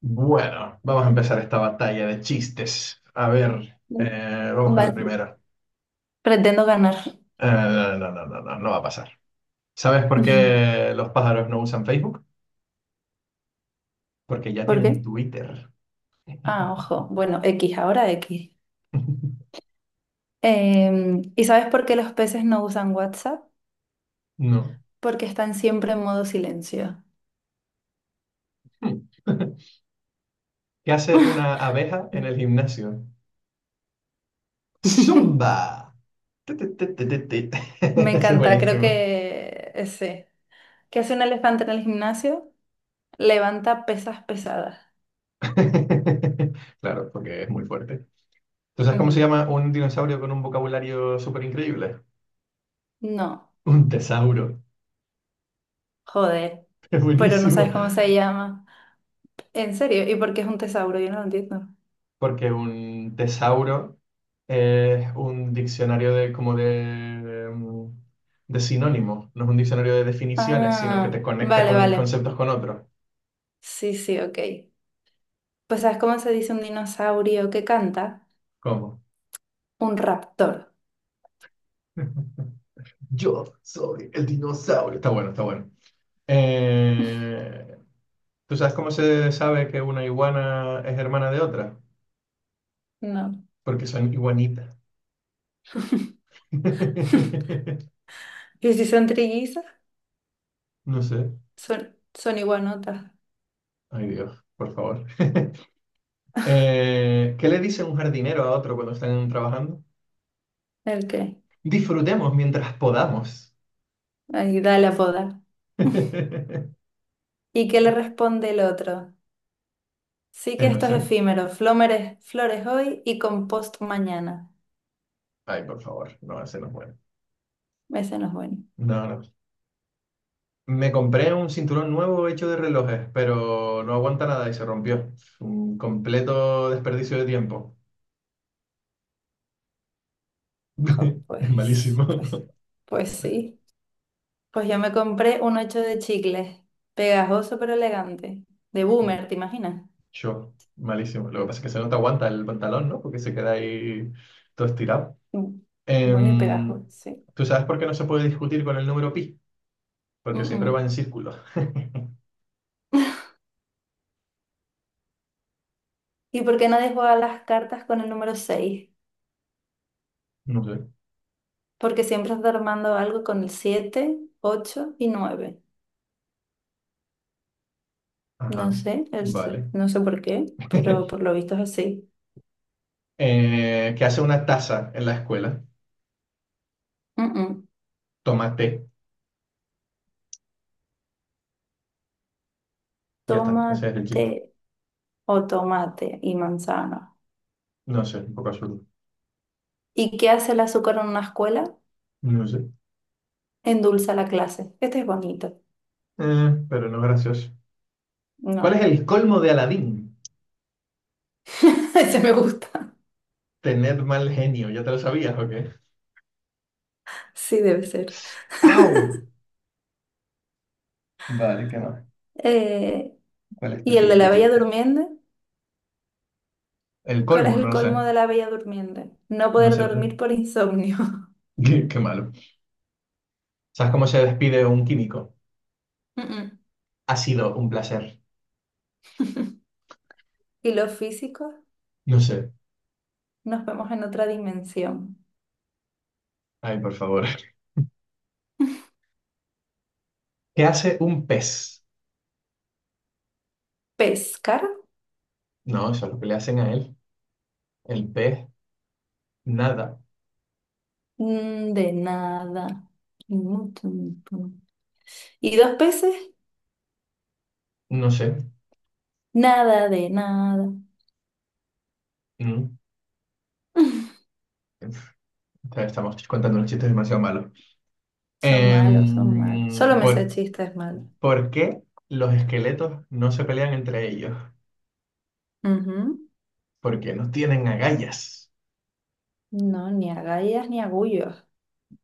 Bueno, vamos a empezar esta batalla de chistes. A ver, vamos con el Vale, primero. pretendo ganar. No, no, no, no, no, no no va a pasar. ¿Sabes por qué los pájaros no usan Facebook? Porque ya ¿Por tienen qué? Twitter. Ah, ojo. Bueno, X, ahora X. ¿Y sabes por qué los peces no usan WhatsApp? No. Porque están siempre en modo silencio. Hmm. ¿Qué hace una abeja en el gimnasio? ¡Zumba! Tu, tu, tu, tu, tu, tu. Me Eso es encanta, creo buenísimo. que ese. ¿Qué hace un elefante en el gimnasio? Levanta pesas pesadas. Claro, porque es muy fuerte. ¿Tú sabes cómo Ujú. se llama un dinosaurio con un vocabulario súper increíble? No, Un tesauro. joder. Es Pero no buenísimo, sabes cómo se llama. ¿En serio? ¿Y por qué es un tesauro? Yo no lo entiendo. porque un tesauro es un diccionario de, de sinónimos, no es un diccionario de definiciones, sino que te Ah, conecta vale, con vale. conceptos con otros. Sí, sí, ok. Pues, ¿sabes cómo se dice un dinosaurio que canta? ¿Cómo? Un raptor. Yo soy el dinosaurio. Está bueno, está bueno. Eh, ¿Tú sabes cómo se sabe que una iguana es hermana de otra? No. Porque son iguanitas. ¿Y si son trillizas? No sé. Son iguanotas. Ay, Dios, por favor. ¿Qué le dice un jardinero a otro cuando están trabajando? ¿El qué? Disfrutemos mientras podamos. Ahí da la boda. ¿Y qué le responde el otro? Sí que No esto es sé. efímero. Flómeres, flores hoy y compost mañana. Ay, por favor, no, ese no puede. Ese no es bueno. No, no. Me compré un cinturón nuevo hecho de relojes, pero no aguanta nada y se rompió. Un completo desperdicio de tiempo. Jo, Es pues, malísimo. pues, pues sí. Pues yo me compré un ocho de chicles. Pegajoso pero elegante. De boomer, ¿te imaginas? Yo, malísimo. Lo que pasa es que se no te aguanta el pantalón, ¿no? Porque se queda ahí todo estirado. Mm. Bueno y pegajoso, Em, sí. ¿Tú sabes por qué no se puede discutir con el número pi? Mm, Porque siempre mm. va en círculo. ¿Y por qué nadie juega las cartas con el número 6? No sé. Porque siempre está armando algo con el 7, 8 y 9. No Ajá. sé, Vale. no sé por qué, pero por lo visto es así. ¿Qué hace una taza en la escuela? Mm, mm. Toma té. Ya está. Ese es el Tomate chiste. o tomate y manzana. No sé, un poco absurdo. ¿Y qué hace el azúcar en una escuela? No sé. Endulza la clase. Este es bonito. Pero no es gracioso. ¿Cuál es No, el colmo de Aladín? ese me gusta. Tener mal genio. ¿Ya te lo sabías o qué? Sí, debe ser. ¡Au! Vale, ¿qué más? Eh, ¿Cuál es tu ¿Y el de siguiente la Bella chiste? Durmiente? El ¿Cuál es colmo, no el lo colmo sé. de la Bella Durmiente? No No poder sé, no sé. dormir por insomnio. Qué, qué malo. ¿Sabes cómo se despide un químico? Mm, Ha sido un placer. mm. Y los físicos, No sé. nos vemos en otra dimensión. Ay, por favor. ¿Qué hace un pez? Pescar. No, eso es lo que le hacen a él. El pez, nada. Mm, de nada. ¿Y dos peces? No sé. Nada de nada. Mm. Uf, Estamos contando unos chistes demasiado malos. Son malos, son malos. Solo Em, me sé ¿por, chistes malos. por qué los esqueletos no se pelean entre ellos? Ujú. Porque no tienen agallas. No, ni agallas ni agullos.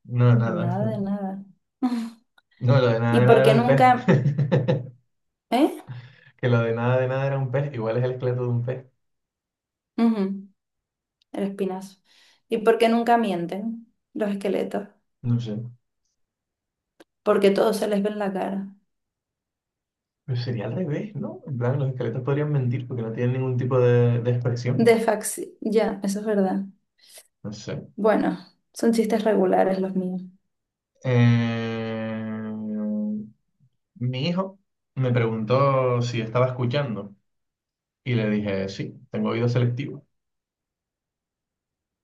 No, nada. Nada de nada. No, lo ¿Y de por nada era qué el nunca... pez. ¿Eh? Que lo de nada era un pez, igual es el esqueleto de un pez. Ujú. El espinazo. ¿Y por qué nunca mienten los esqueletos? No sé. Porque todo se les ve en la cara. Pero sería al revés, ¿no? En plan, los esqueletos podrían mentir porque no tienen ningún tipo de De expresión. faxi... Ya, eso es verdad. No sé. Bueno, son chistes regulares los míos. Eh, mi hijo me preguntó si estaba escuchando y le dije, sí, tengo oído selectivo.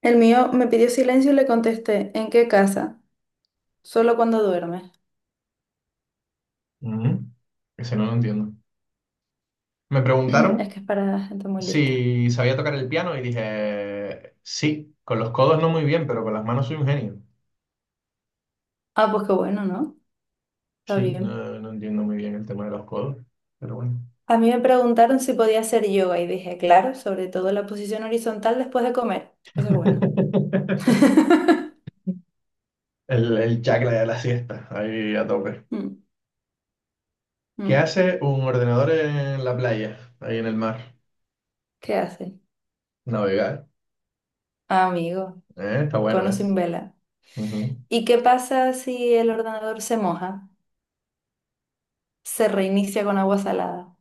El mío me pidió silencio y le contesté, ¿en qué casa? Solo cuando duerme. "Ujú, Ese no lo entiendo. Me preguntaron Es que es para gente muy lista. si sabía tocar el piano y dije, sí, con los codos no muy bien, pero con las manos soy un genio. Ah, pues qué bueno, ¿no? Está Sí, bien. no, no entiendo muy bien el tema de los codos, pero bueno. A mí me preguntaron si podía hacer yoga y dije, claro, sobre todo la posición horizontal después de comer. Eso es bueno. El chakra de la siesta, ahí a tope. Mm, ¿Qué mm. hace un ordenador en la playa, ahí en el mar? ¿Qué hace? Navegar. Ah, amigo, Está bueno, cono sin es. vela. Ujú. ¿Y qué pasa si el ordenador se moja? Se reinicia con agua salada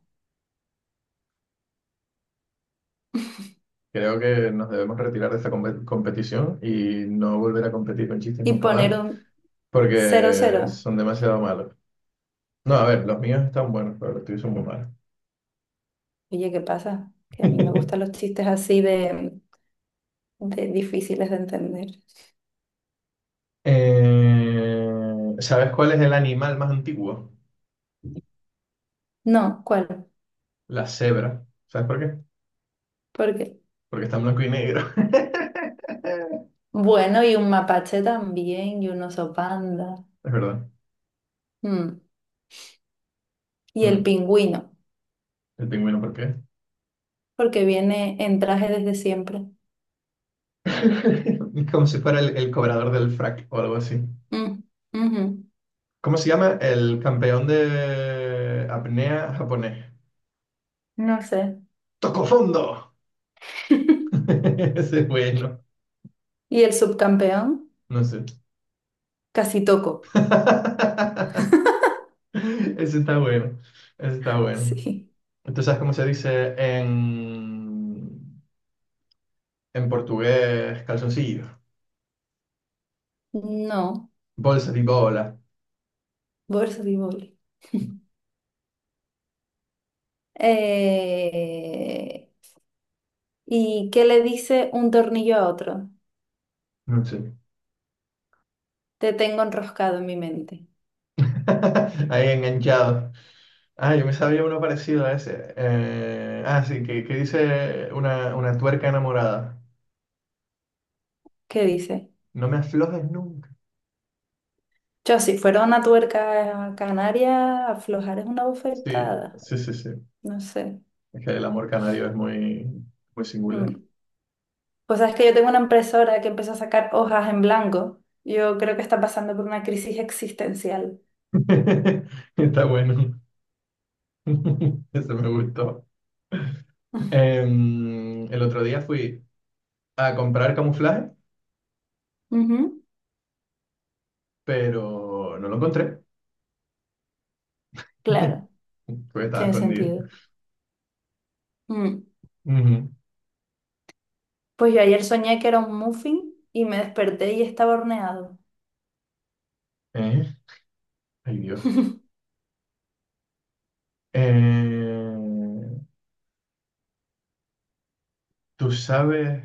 Creo que nos debemos retirar de esta compe- competición y no volver a competir con chistes y nunca poner más, un cero porque cero. son demasiado malos. No, a ver, los míos están buenos, pero los tuyos son muy malos. Oye, ¿qué pasa? Que a mí me gustan los chistes así de difíciles de entender. ¿Sabes cuál es el animal más antiguo? No, ¿cuál? La cebra. ¿Sabes por qué? ¿Por qué? Porque está en blanco y negro. Bueno, y un mapache también, y un oso panda. Es verdad. Mm. Y el Mm. pingüino, ¿El pingüino por qué? porque viene en traje desde siempre. Como si fuera el cobrador del frac o algo así. Mm, ujú. ¿Cómo se llama? El campeón de apnea japonés. No sé. ¡Tocó fondo! Ese es bueno. ¿Y el subcampeón? No sé. Casi toco. Ese está bueno. Ese está bueno. Sí. ¿Entonces sabes cómo se dice en portugués calzoncillo? No, Bolsa de bola. voleibol. Eh, ¿Y qué le dice un tornillo a otro? No sé. Te tengo enroscado en mi mente. Ahí enganchado. Ah, yo me sabía uno parecido a ese. Ah, sí, que dice una tuerca enamorada. ¿Qué dice? No me aflojes nunca. Yo, si fuera una tuerca canaria, aflojar es una Sí, bofetada. sí, sí, sí. No sé. Es que el amor canario es muy, muy singular. Mm. Pues sabes que yo tengo una impresora que empezó a sacar hojas en blanco. Yo creo que está pasando por una crisis existencial. Está bueno. Eso me gustó. Em, el otro día fui a comprar camuflaje, Ujú. pero no lo encontré, Claro, porque estaba tiene escondido. sentido. Mm. Ujú. Pues yo ayer soñé que era un muffin y me desperté y estaba horneado. Eh, Ay, Dios. Eh, ¿Tú sabes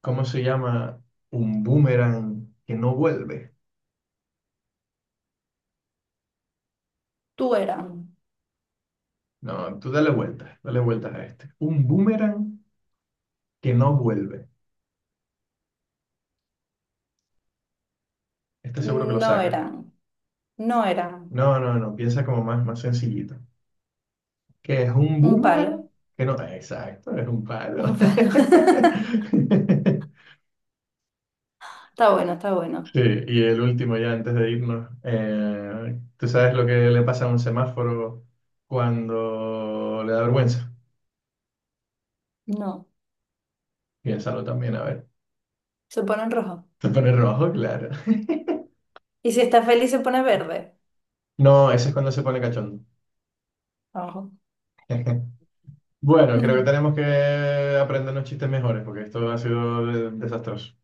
cómo se llama un boomerang que no vuelve? Tú eran, No, tú dale vueltas a este. Un boomerang que no vuelve. Este seguro que lo no sacas. eran, no eran. No, no, no, piensa como más, más sencillito. ¿Qué es un Un palo, boomerang? Que no, exacto, es un palo. un palo. Está bueno, está bueno. Sí, y el último ya antes de irnos. ¿Tú sabes lo que le pasa a un semáforo cuando le da vergüenza? No, Piénsalo también, a ver. se pone en rojo. Se pone rojo, claro. Y si está feliz se pone verde. No, ese es cuando se pone cachondo. Ojo. Bueno, creo que Mm, tenemos que aprender unos chistes mejores porque esto ha sido desastroso.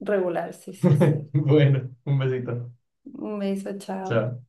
regular, sí, sí, sí. Bueno, un besito. Un beso, chao. Chao.